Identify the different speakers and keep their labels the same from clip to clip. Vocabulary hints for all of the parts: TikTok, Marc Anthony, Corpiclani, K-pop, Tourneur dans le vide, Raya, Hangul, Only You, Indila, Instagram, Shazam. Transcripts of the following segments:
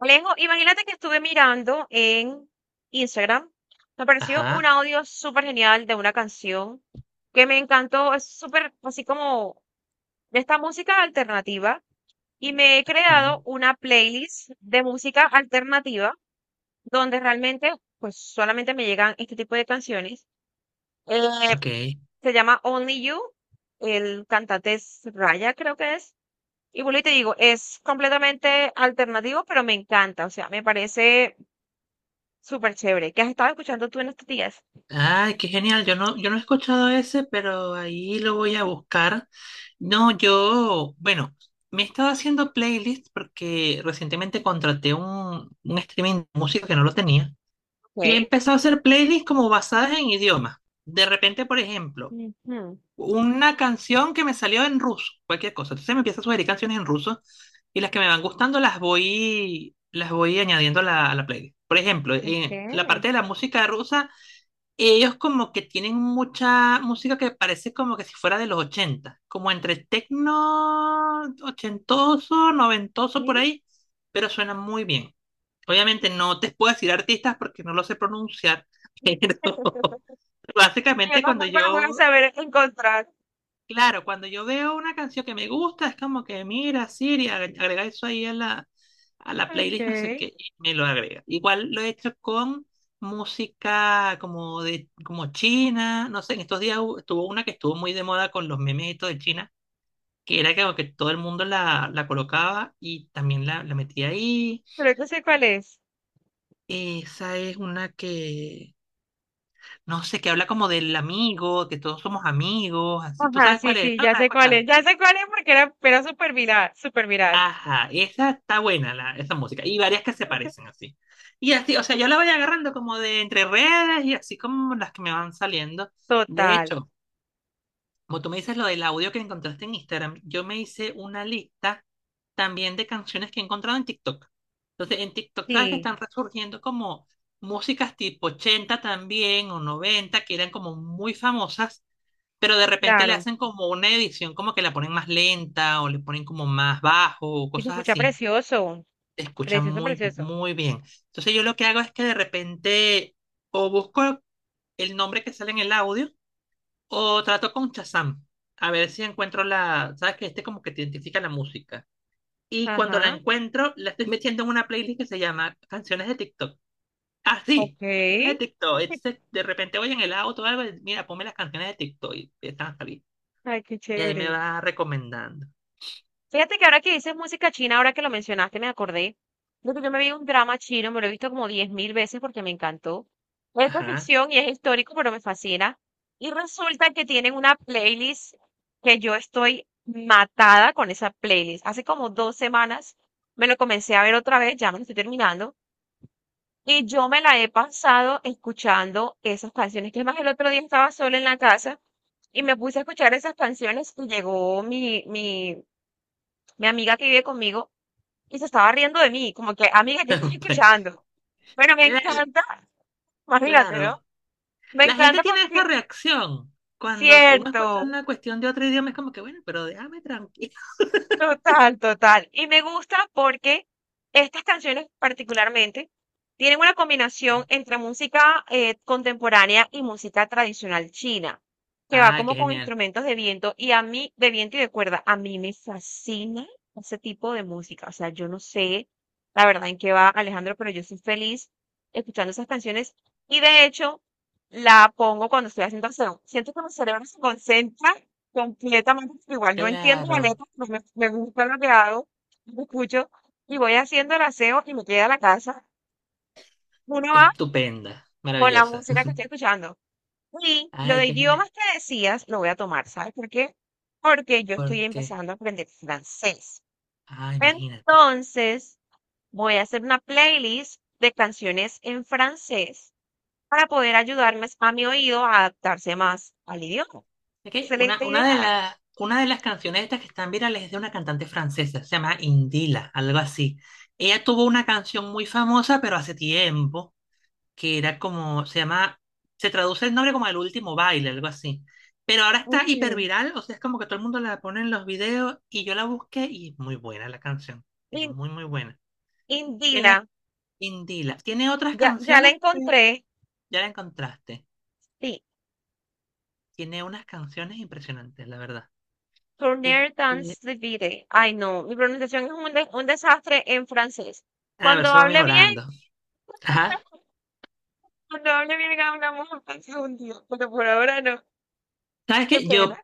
Speaker 1: Alejo, imagínate que estuve mirando en Instagram, me apareció un
Speaker 2: Ajá,
Speaker 1: audio súper genial de una canción que me encantó, es súper así como de esta música alternativa y me he creado
Speaker 2: ah,
Speaker 1: una playlist de música alternativa donde realmente pues solamente me llegan este tipo de canciones. Eh,
Speaker 2: ok.
Speaker 1: Se llama Only You, el cantante es Raya creo que es. Y vuelvo y te digo, es completamente alternativo, pero me encanta, o sea, me parece súper chévere. ¿Qué has estado escuchando tú en estos días?
Speaker 2: Ay, qué genial. Yo no he escuchado ese, pero ahí lo voy a buscar. No, yo, bueno, me he estado haciendo playlists porque recientemente contraté un streaming de música que no lo tenía y he
Speaker 1: Ok.
Speaker 2: empezado a hacer playlists como basadas en idiomas. De repente, por ejemplo,
Speaker 1: Ujú,
Speaker 2: una canción que me salió en ruso, cualquier cosa. Entonces me empieza a sugerir canciones en ruso y las que me van gustando las voy añadiendo a la playlist. Por ejemplo, en la
Speaker 1: ok.
Speaker 2: parte de la música rusa, ellos como que tienen mucha música que parece como que si fuera de los ochenta, como entre tecno ochentoso, noventoso por
Speaker 1: Sí.
Speaker 2: ahí, pero suena muy bien. Obviamente no te puedo decir artistas porque no lo sé pronunciar, pero
Speaker 1: Yo
Speaker 2: básicamente cuando
Speaker 1: tampoco lo
Speaker 2: yo...
Speaker 1: voy a saber encontrar.
Speaker 2: Claro, cuando yo veo una canción que me gusta, es como que mira, Siri, agrega eso ahí a la
Speaker 1: Ok.
Speaker 2: playlist, no sé qué, y me lo agrega. Igual lo he hecho con música como de, como China, no sé, en estos días estuvo una que estuvo muy de moda con los memes y todo de China, que era como que todo el mundo la colocaba y también la metía ahí.
Speaker 1: Pero que sé cuál es.
Speaker 2: Esa es una que, no sé, que habla como del amigo, que todos somos amigos, así. ¿Tú
Speaker 1: Ajá,
Speaker 2: sabes
Speaker 1: sí,
Speaker 2: cuál es?
Speaker 1: sí,
Speaker 2: ¿No
Speaker 1: ya
Speaker 2: la has
Speaker 1: sé cuál es.
Speaker 2: escuchado?
Speaker 1: Ya sé cuál es porque era súper viral, súper viral.
Speaker 2: Ajá, esa está buena, la, esa música. Y varias que se parecen así. Y así, o sea, yo la voy agarrando como de entre redes y así como las que me van saliendo. De
Speaker 1: Total.
Speaker 2: hecho, como tú me dices lo del audio que encontraste en Instagram, yo me hice una lista también de canciones que he encontrado en TikTok. Entonces, en TikTok, sabes que
Speaker 1: Sí,
Speaker 2: están resurgiendo como músicas tipo 80 también o 90 que eran como muy famosas, pero de repente le
Speaker 1: claro.
Speaker 2: hacen como una edición, como que la ponen más lenta o le ponen como más bajo o
Speaker 1: Y se
Speaker 2: cosas
Speaker 1: escucha
Speaker 2: así,
Speaker 1: precioso.
Speaker 2: te escuchan
Speaker 1: Precioso,
Speaker 2: muy,
Speaker 1: precioso.
Speaker 2: muy bien. Entonces yo lo que hago es que de repente o busco el nombre que sale en el audio o trato con Shazam a ver si encuentro la, sabes que este como que te identifica la música. Y cuando la
Speaker 1: Ajá.
Speaker 2: encuentro, la estoy metiendo en una playlist que se llama Canciones de TikTok. Ah, sí,
Speaker 1: Ok.
Speaker 2: canciones de TikTok. Entonces, de repente voy en el auto, o algo, y, mira, ponme las canciones de TikTok y están a salir.
Speaker 1: Ay, qué
Speaker 2: Y ahí me
Speaker 1: chévere.
Speaker 2: va recomendando.
Speaker 1: Fíjate que ahora que dices música china, ahora que lo mencionaste, me acordé de que yo me vi un drama chino, me lo he visto como 10.000 veces porque me encantó. Es de
Speaker 2: Ajá.
Speaker 1: ficción y es histórico, pero me fascina. Y resulta que tienen una playlist que yo estoy matada con esa playlist. Hace como 2 semanas me lo comencé a ver otra vez, ya me lo estoy terminando. Y yo me la he pasado escuchando esas canciones. Que es más, el otro día estaba sola en la casa y me puse a escuchar esas canciones y llegó mi amiga que vive conmigo, y se estaba riendo de mí, como que, amiga, ¿qué estás escuchando? Bueno, me
Speaker 2: Era...
Speaker 1: encanta, imagínate, ¿no?
Speaker 2: Claro.
Speaker 1: Me
Speaker 2: La
Speaker 1: encanta
Speaker 2: gente tiene
Speaker 1: porque,
Speaker 2: esa reacción. Cuando uno escucha
Speaker 1: cierto,
Speaker 2: una cuestión de otro idioma, es como que, bueno, pero déjame tranquilo.
Speaker 1: total, total. Y me gusta porque estas canciones particularmente tienen una combinación entre música contemporánea y música tradicional china, que va
Speaker 2: Ay, qué
Speaker 1: como con
Speaker 2: genial.
Speaker 1: instrumentos de viento y a mí, de viento y de cuerda, a mí me fascina ese tipo de música. O sea, yo no sé la verdad en qué va Alejandro, pero yo soy feliz escuchando esas canciones y de hecho la pongo cuando estoy haciendo acción. Siento que mi cerebro se concentra completamente igual. No entiendo la
Speaker 2: Claro,
Speaker 1: letra, pero me gusta lo que hago, no lo escucho y voy haciendo el aseo y me queda a la casa. Uno va
Speaker 2: estupenda,
Speaker 1: con la
Speaker 2: maravillosa.
Speaker 1: música que estoy escuchando. Y lo
Speaker 2: Ay,
Speaker 1: de
Speaker 2: qué genial.
Speaker 1: idiomas que decías, lo voy a tomar, ¿sabes por qué? Porque yo estoy
Speaker 2: Porque,
Speaker 1: empezando a aprender francés.
Speaker 2: ah, imagínate.
Speaker 1: Entonces, voy a hacer una playlist de canciones en francés para poder ayudarme a mi oído a adaptarse más al idioma.
Speaker 2: Es que una,
Speaker 1: Excelente
Speaker 2: una de
Speaker 1: idea.
Speaker 2: la- una de las canciones estas que están virales es de una cantante francesa, se llama Indila, algo así. Ella tuvo una canción muy famosa, pero hace tiempo que era como, se llama, se traduce el nombre como El Último Baile, algo así. Pero ahora está
Speaker 1: Ujú.
Speaker 2: hiperviral, o sea, es como que todo el mundo la pone en los videos y yo la busqué y es muy buena la canción, es
Speaker 1: In-
Speaker 2: muy, muy buena.
Speaker 1: Indila,
Speaker 2: Tiene... Indila, tiene otras
Speaker 1: ya, ya la
Speaker 2: canciones, pero
Speaker 1: encontré.
Speaker 2: ya la encontraste.
Speaker 1: Sí,
Speaker 2: Tiene unas canciones impresionantes, la verdad.
Speaker 1: Tourneur dans
Speaker 2: Este,
Speaker 1: le vide. Ay, no, mi pronunciación es un desastre en francés.
Speaker 2: a ver,
Speaker 1: Cuando
Speaker 2: eso va
Speaker 1: hable bien,
Speaker 2: mejorando. Ajá.
Speaker 1: cuando hable bien hablamos entonces un día, pero por ahora no.
Speaker 2: ¿Sabes
Speaker 1: Qué
Speaker 2: qué?
Speaker 1: pena.
Speaker 2: Yo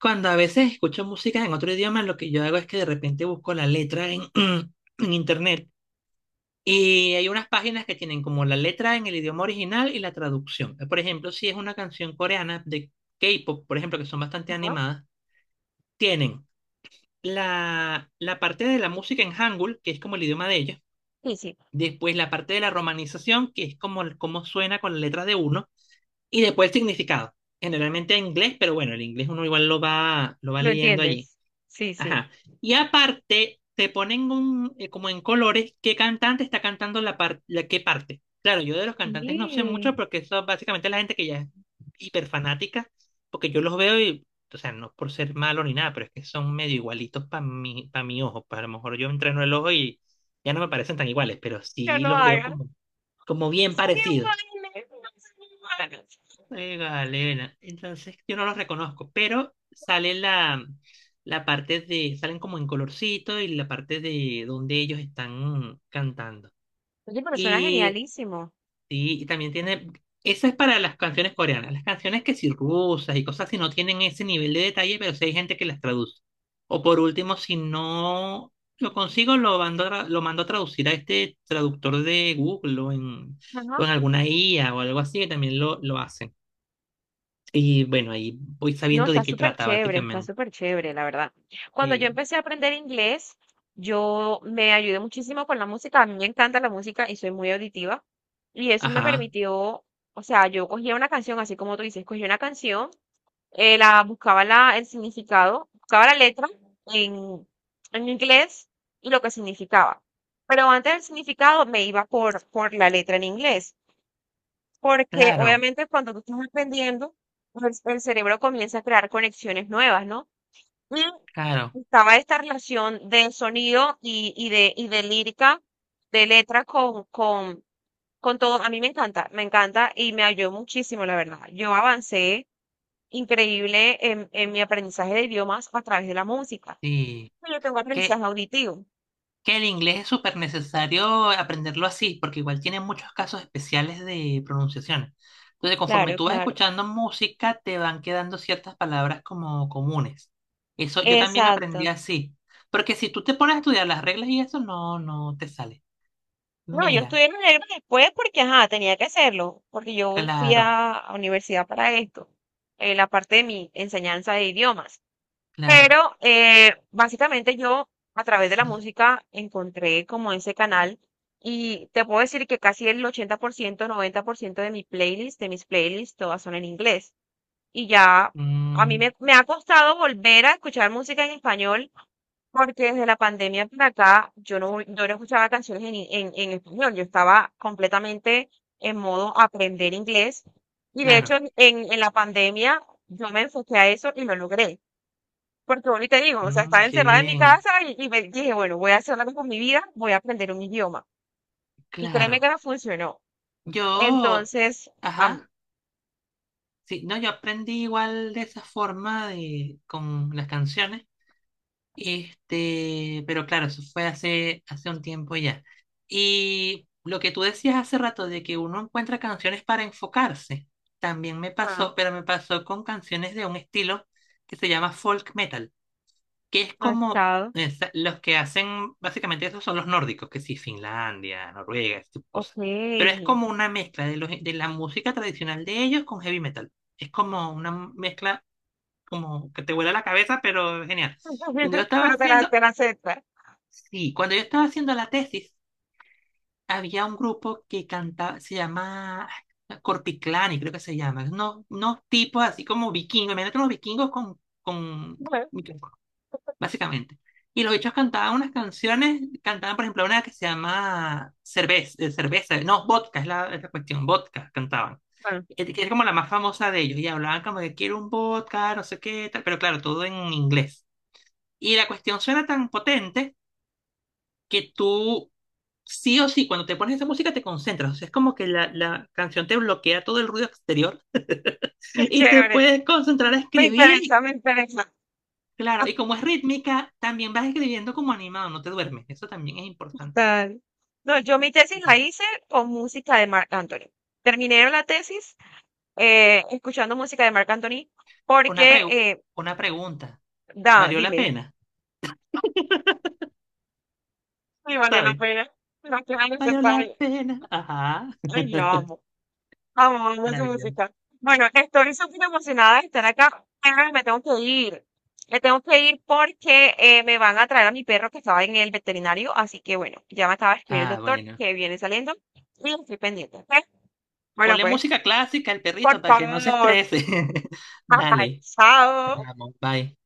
Speaker 2: cuando a veces escucho música en otro idioma, lo que yo hago es que de repente busco la letra en, en internet. Y hay unas páginas que tienen como la letra en el idioma original y la traducción. Por ejemplo, si es una canción coreana de K-pop, por ejemplo, que son bastante
Speaker 1: Ajá.
Speaker 2: animadas, tienen la parte de la música en Hangul, que es como el idioma de ellos.
Speaker 1: Sí, sí,
Speaker 2: Después la parte de la romanización, que es como, cómo suena con las letras de uno. Y después el significado. Generalmente en inglés, pero bueno, el inglés uno igual lo va
Speaker 1: lo
Speaker 2: leyendo allí.
Speaker 1: entiendes. Sí, sí.
Speaker 2: Ajá. Y aparte, te ponen un, como en colores qué cantante está cantando la, la qué parte. Claro, yo de los cantantes no sé
Speaker 1: Sí.
Speaker 2: mucho porque eso básicamente es la gente que ya es hiperfanática, porque yo los veo y, o sea, no por ser malo ni nada, pero es que son medio igualitos para mi, pa' mi ojo. Pa' a lo mejor yo entreno el ojo y ya no me parecen tan iguales, pero
Speaker 1: No
Speaker 2: sí
Speaker 1: lo
Speaker 2: los veo
Speaker 1: hagas.
Speaker 2: como, como
Speaker 1: No
Speaker 2: bien
Speaker 1: son
Speaker 2: parecidos.
Speaker 1: iguales, no son iguales.
Speaker 2: Juega Elena. Entonces, yo no los reconozco, pero sale la, la parte de, salen como en colorcito y la parte de donde ellos están cantando.
Speaker 1: Oye, pero suena
Speaker 2: Y,
Speaker 1: genialísimo.
Speaker 2: sí, y también tiene, esa es para las canciones coreanas. Las canciones que sí rusas y cosas así no tienen ese nivel de detalle, pero sí hay gente que las traduce. O por último, si no lo consigo, lo mando a, lo mando a traducir a este traductor de Google o
Speaker 1: Ajá.
Speaker 2: en alguna IA o algo así, que también lo hacen. Y bueno, ahí voy
Speaker 1: No,
Speaker 2: sabiendo de qué trata,
Speaker 1: está
Speaker 2: básicamente.
Speaker 1: súper chévere, la verdad. Cuando yo
Speaker 2: Sí.
Speaker 1: empecé a aprender inglés, yo me ayudé muchísimo con la música. A mí me encanta la música y soy muy auditiva. Y eso me
Speaker 2: Ajá,
Speaker 1: permitió, o sea, yo cogía una canción, así como tú dices, cogía una canción, la buscaba el significado, buscaba la letra en, en, inglés y lo que significaba. Pero antes del significado me iba por la letra en inglés. Porque
Speaker 2: claro,
Speaker 1: obviamente cuando tú estás aprendiendo, pues, cerebro comienza a crear conexiones nuevas, ¿no? Y
Speaker 2: claro.
Speaker 1: estaba esta relación de sonido y de lírica, de letra con todo. A mí me encanta y me ayudó muchísimo, la verdad. Yo avancé increíble en, mi aprendizaje de idiomas a través de la música.
Speaker 2: Sí.
Speaker 1: Yo tengo
Speaker 2: Que,
Speaker 1: aprendizaje auditivo.
Speaker 2: que el inglés es súper necesario aprenderlo así, porque igual tiene muchos casos especiales de pronunciación. Entonces, conforme
Speaker 1: Claro,
Speaker 2: tú vas
Speaker 1: claro.
Speaker 2: escuchando música, te van quedando ciertas palabras como comunes. Eso yo también
Speaker 1: Exacto.
Speaker 2: aprendí así. Porque si tú te pones a estudiar las reglas y eso, no, no te sale.
Speaker 1: No, yo
Speaker 2: Mira,
Speaker 1: estudié en el negro después porque, ajá, tenía que hacerlo, porque yo fui
Speaker 2: claro,
Speaker 1: a universidad para esto, la parte de mi enseñanza de idiomas.
Speaker 2: claro.
Speaker 1: Pero básicamente yo a través de la música encontré como ese canal y te puedo decir que casi el 80%, 90% de mi playlist, de mis playlists, todas son en inglés. Y ya a mí
Speaker 2: Mm,
Speaker 1: me ha costado volver a escuchar música en español porque desde la pandemia para acá yo no escuchaba canciones en, en español, yo estaba completamente en modo aprender inglés y de hecho
Speaker 2: claro.
Speaker 1: en, en la pandemia yo me enfoqué a eso y lo logré. Porque ahorita te digo, o sea,
Speaker 2: Mm,
Speaker 1: estaba
Speaker 2: qué
Speaker 1: encerrada en mi
Speaker 2: bien.
Speaker 1: casa y me dije, bueno, voy a hacer algo con mi vida, voy a aprender un idioma. Y créeme
Speaker 2: Claro.
Speaker 1: que no funcionó.
Speaker 2: Yo,
Speaker 1: Entonces, am-
Speaker 2: ajá, sí, no, yo aprendí igual de esa forma de, con las canciones. Este, pero claro, eso fue hace, hace un tiempo ya. Y lo que tú decías hace rato de que uno encuentra canciones para enfocarse, también me
Speaker 1: ah,
Speaker 2: pasó, pero me pasó con canciones de un estilo que se llama folk metal. Que es
Speaker 1: no he
Speaker 2: como
Speaker 1: escuchado.
Speaker 2: esa... los que hacen, básicamente esos son los nórdicos, que sí, Finlandia, Noruega, ese tipo de
Speaker 1: Ok.
Speaker 2: cosas. Pero es como una mezcla de, los, de la música tradicional de ellos con heavy metal. Es como una mezcla como que te vuela la cabeza, pero genial. Cuando yo estaba
Speaker 1: Pero te la,
Speaker 2: haciendo,
Speaker 1: te la acepta.
Speaker 2: sí, cuando yo estaba haciendo la tesis, había un grupo que cantaba, se llama Corpiclani, creo que se llama. No, unos tipos así como vikingos, imagínate unos vikingos con...
Speaker 1: Bueno,
Speaker 2: básicamente. Y los bichos cantaban unas canciones, cantaban por ejemplo una que se llama Cerveza, cerveza no, vodka, es la cuestión, vodka cantaban.
Speaker 1: bueno,
Speaker 2: Que es como la más famosa de ellos, y hablaban como que quiero un vodka, no sé qué, tal, pero claro, todo en inglés. Y la cuestión suena tan potente que tú, sí o sí, cuando te pones esa música te concentras, o sea, es como que la canción te bloquea todo el ruido exterior
Speaker 1: qué
Speaker 2: y te
Speaker 1: chévere.
Speaker 2: puedes concentrar a
Speaker 1: Me
Speaker 2: escribir.
Speaker 1: interesa, me interesa.
Speaker 2: Claro, y como es rítmica, también vas escribiendo como animado, no te duermes. Eso también es importante.
Speaker 1: Total. No, yo mi tesis la
Speaker 2: Sí.
Speaker 1: hice con música de Marc Anthony. Terminé la tesis escuchando música de Marc Anthony
Speaker 2: Una
Speaker 1: porque,
Speaker 2: pregu- una pregunta. ¿Valió la
Speaker 1: dime.
Speaker 2: pena?
Speaker 1: Sí, valió la
Speaker 2: ¿Sabes?
Speaker 1: pena. No que era
Speaker 2: ¿Valió la
Speaker 1: necesario.
Speaker 2: pena? Ajá.
Speaker 1: Ay, yo amo. Amo, amo su
Speaker 2: Maravilloso.
Speaker 1: música. Bueno, estoy súper emocionada de estar acá, pero me tengo que ir. Me tengo que ir porque me van a traer a mi perro que estaba en el veterinario. Así que bueno, ya me acaba de escribir el
Speaker 2: Ah,
Speaker 1: doctor
Speaker 2: bueno.
Speaker 1: que viene saliendo y estoy pendiente. ¿Ok? Bueno,
Speaker 2: Ponle
Speaker 1: pues,
Speaker 2: música clásica al perrito
Speaker 1: por
Speaker 2: para que no se
Speaker 1: favor,
Speaker 2: estrese.
Speaker 1: papá,
Speaker 2: Dale. Te
Speaker 1: chao.
Speaker 2: amo. Bye.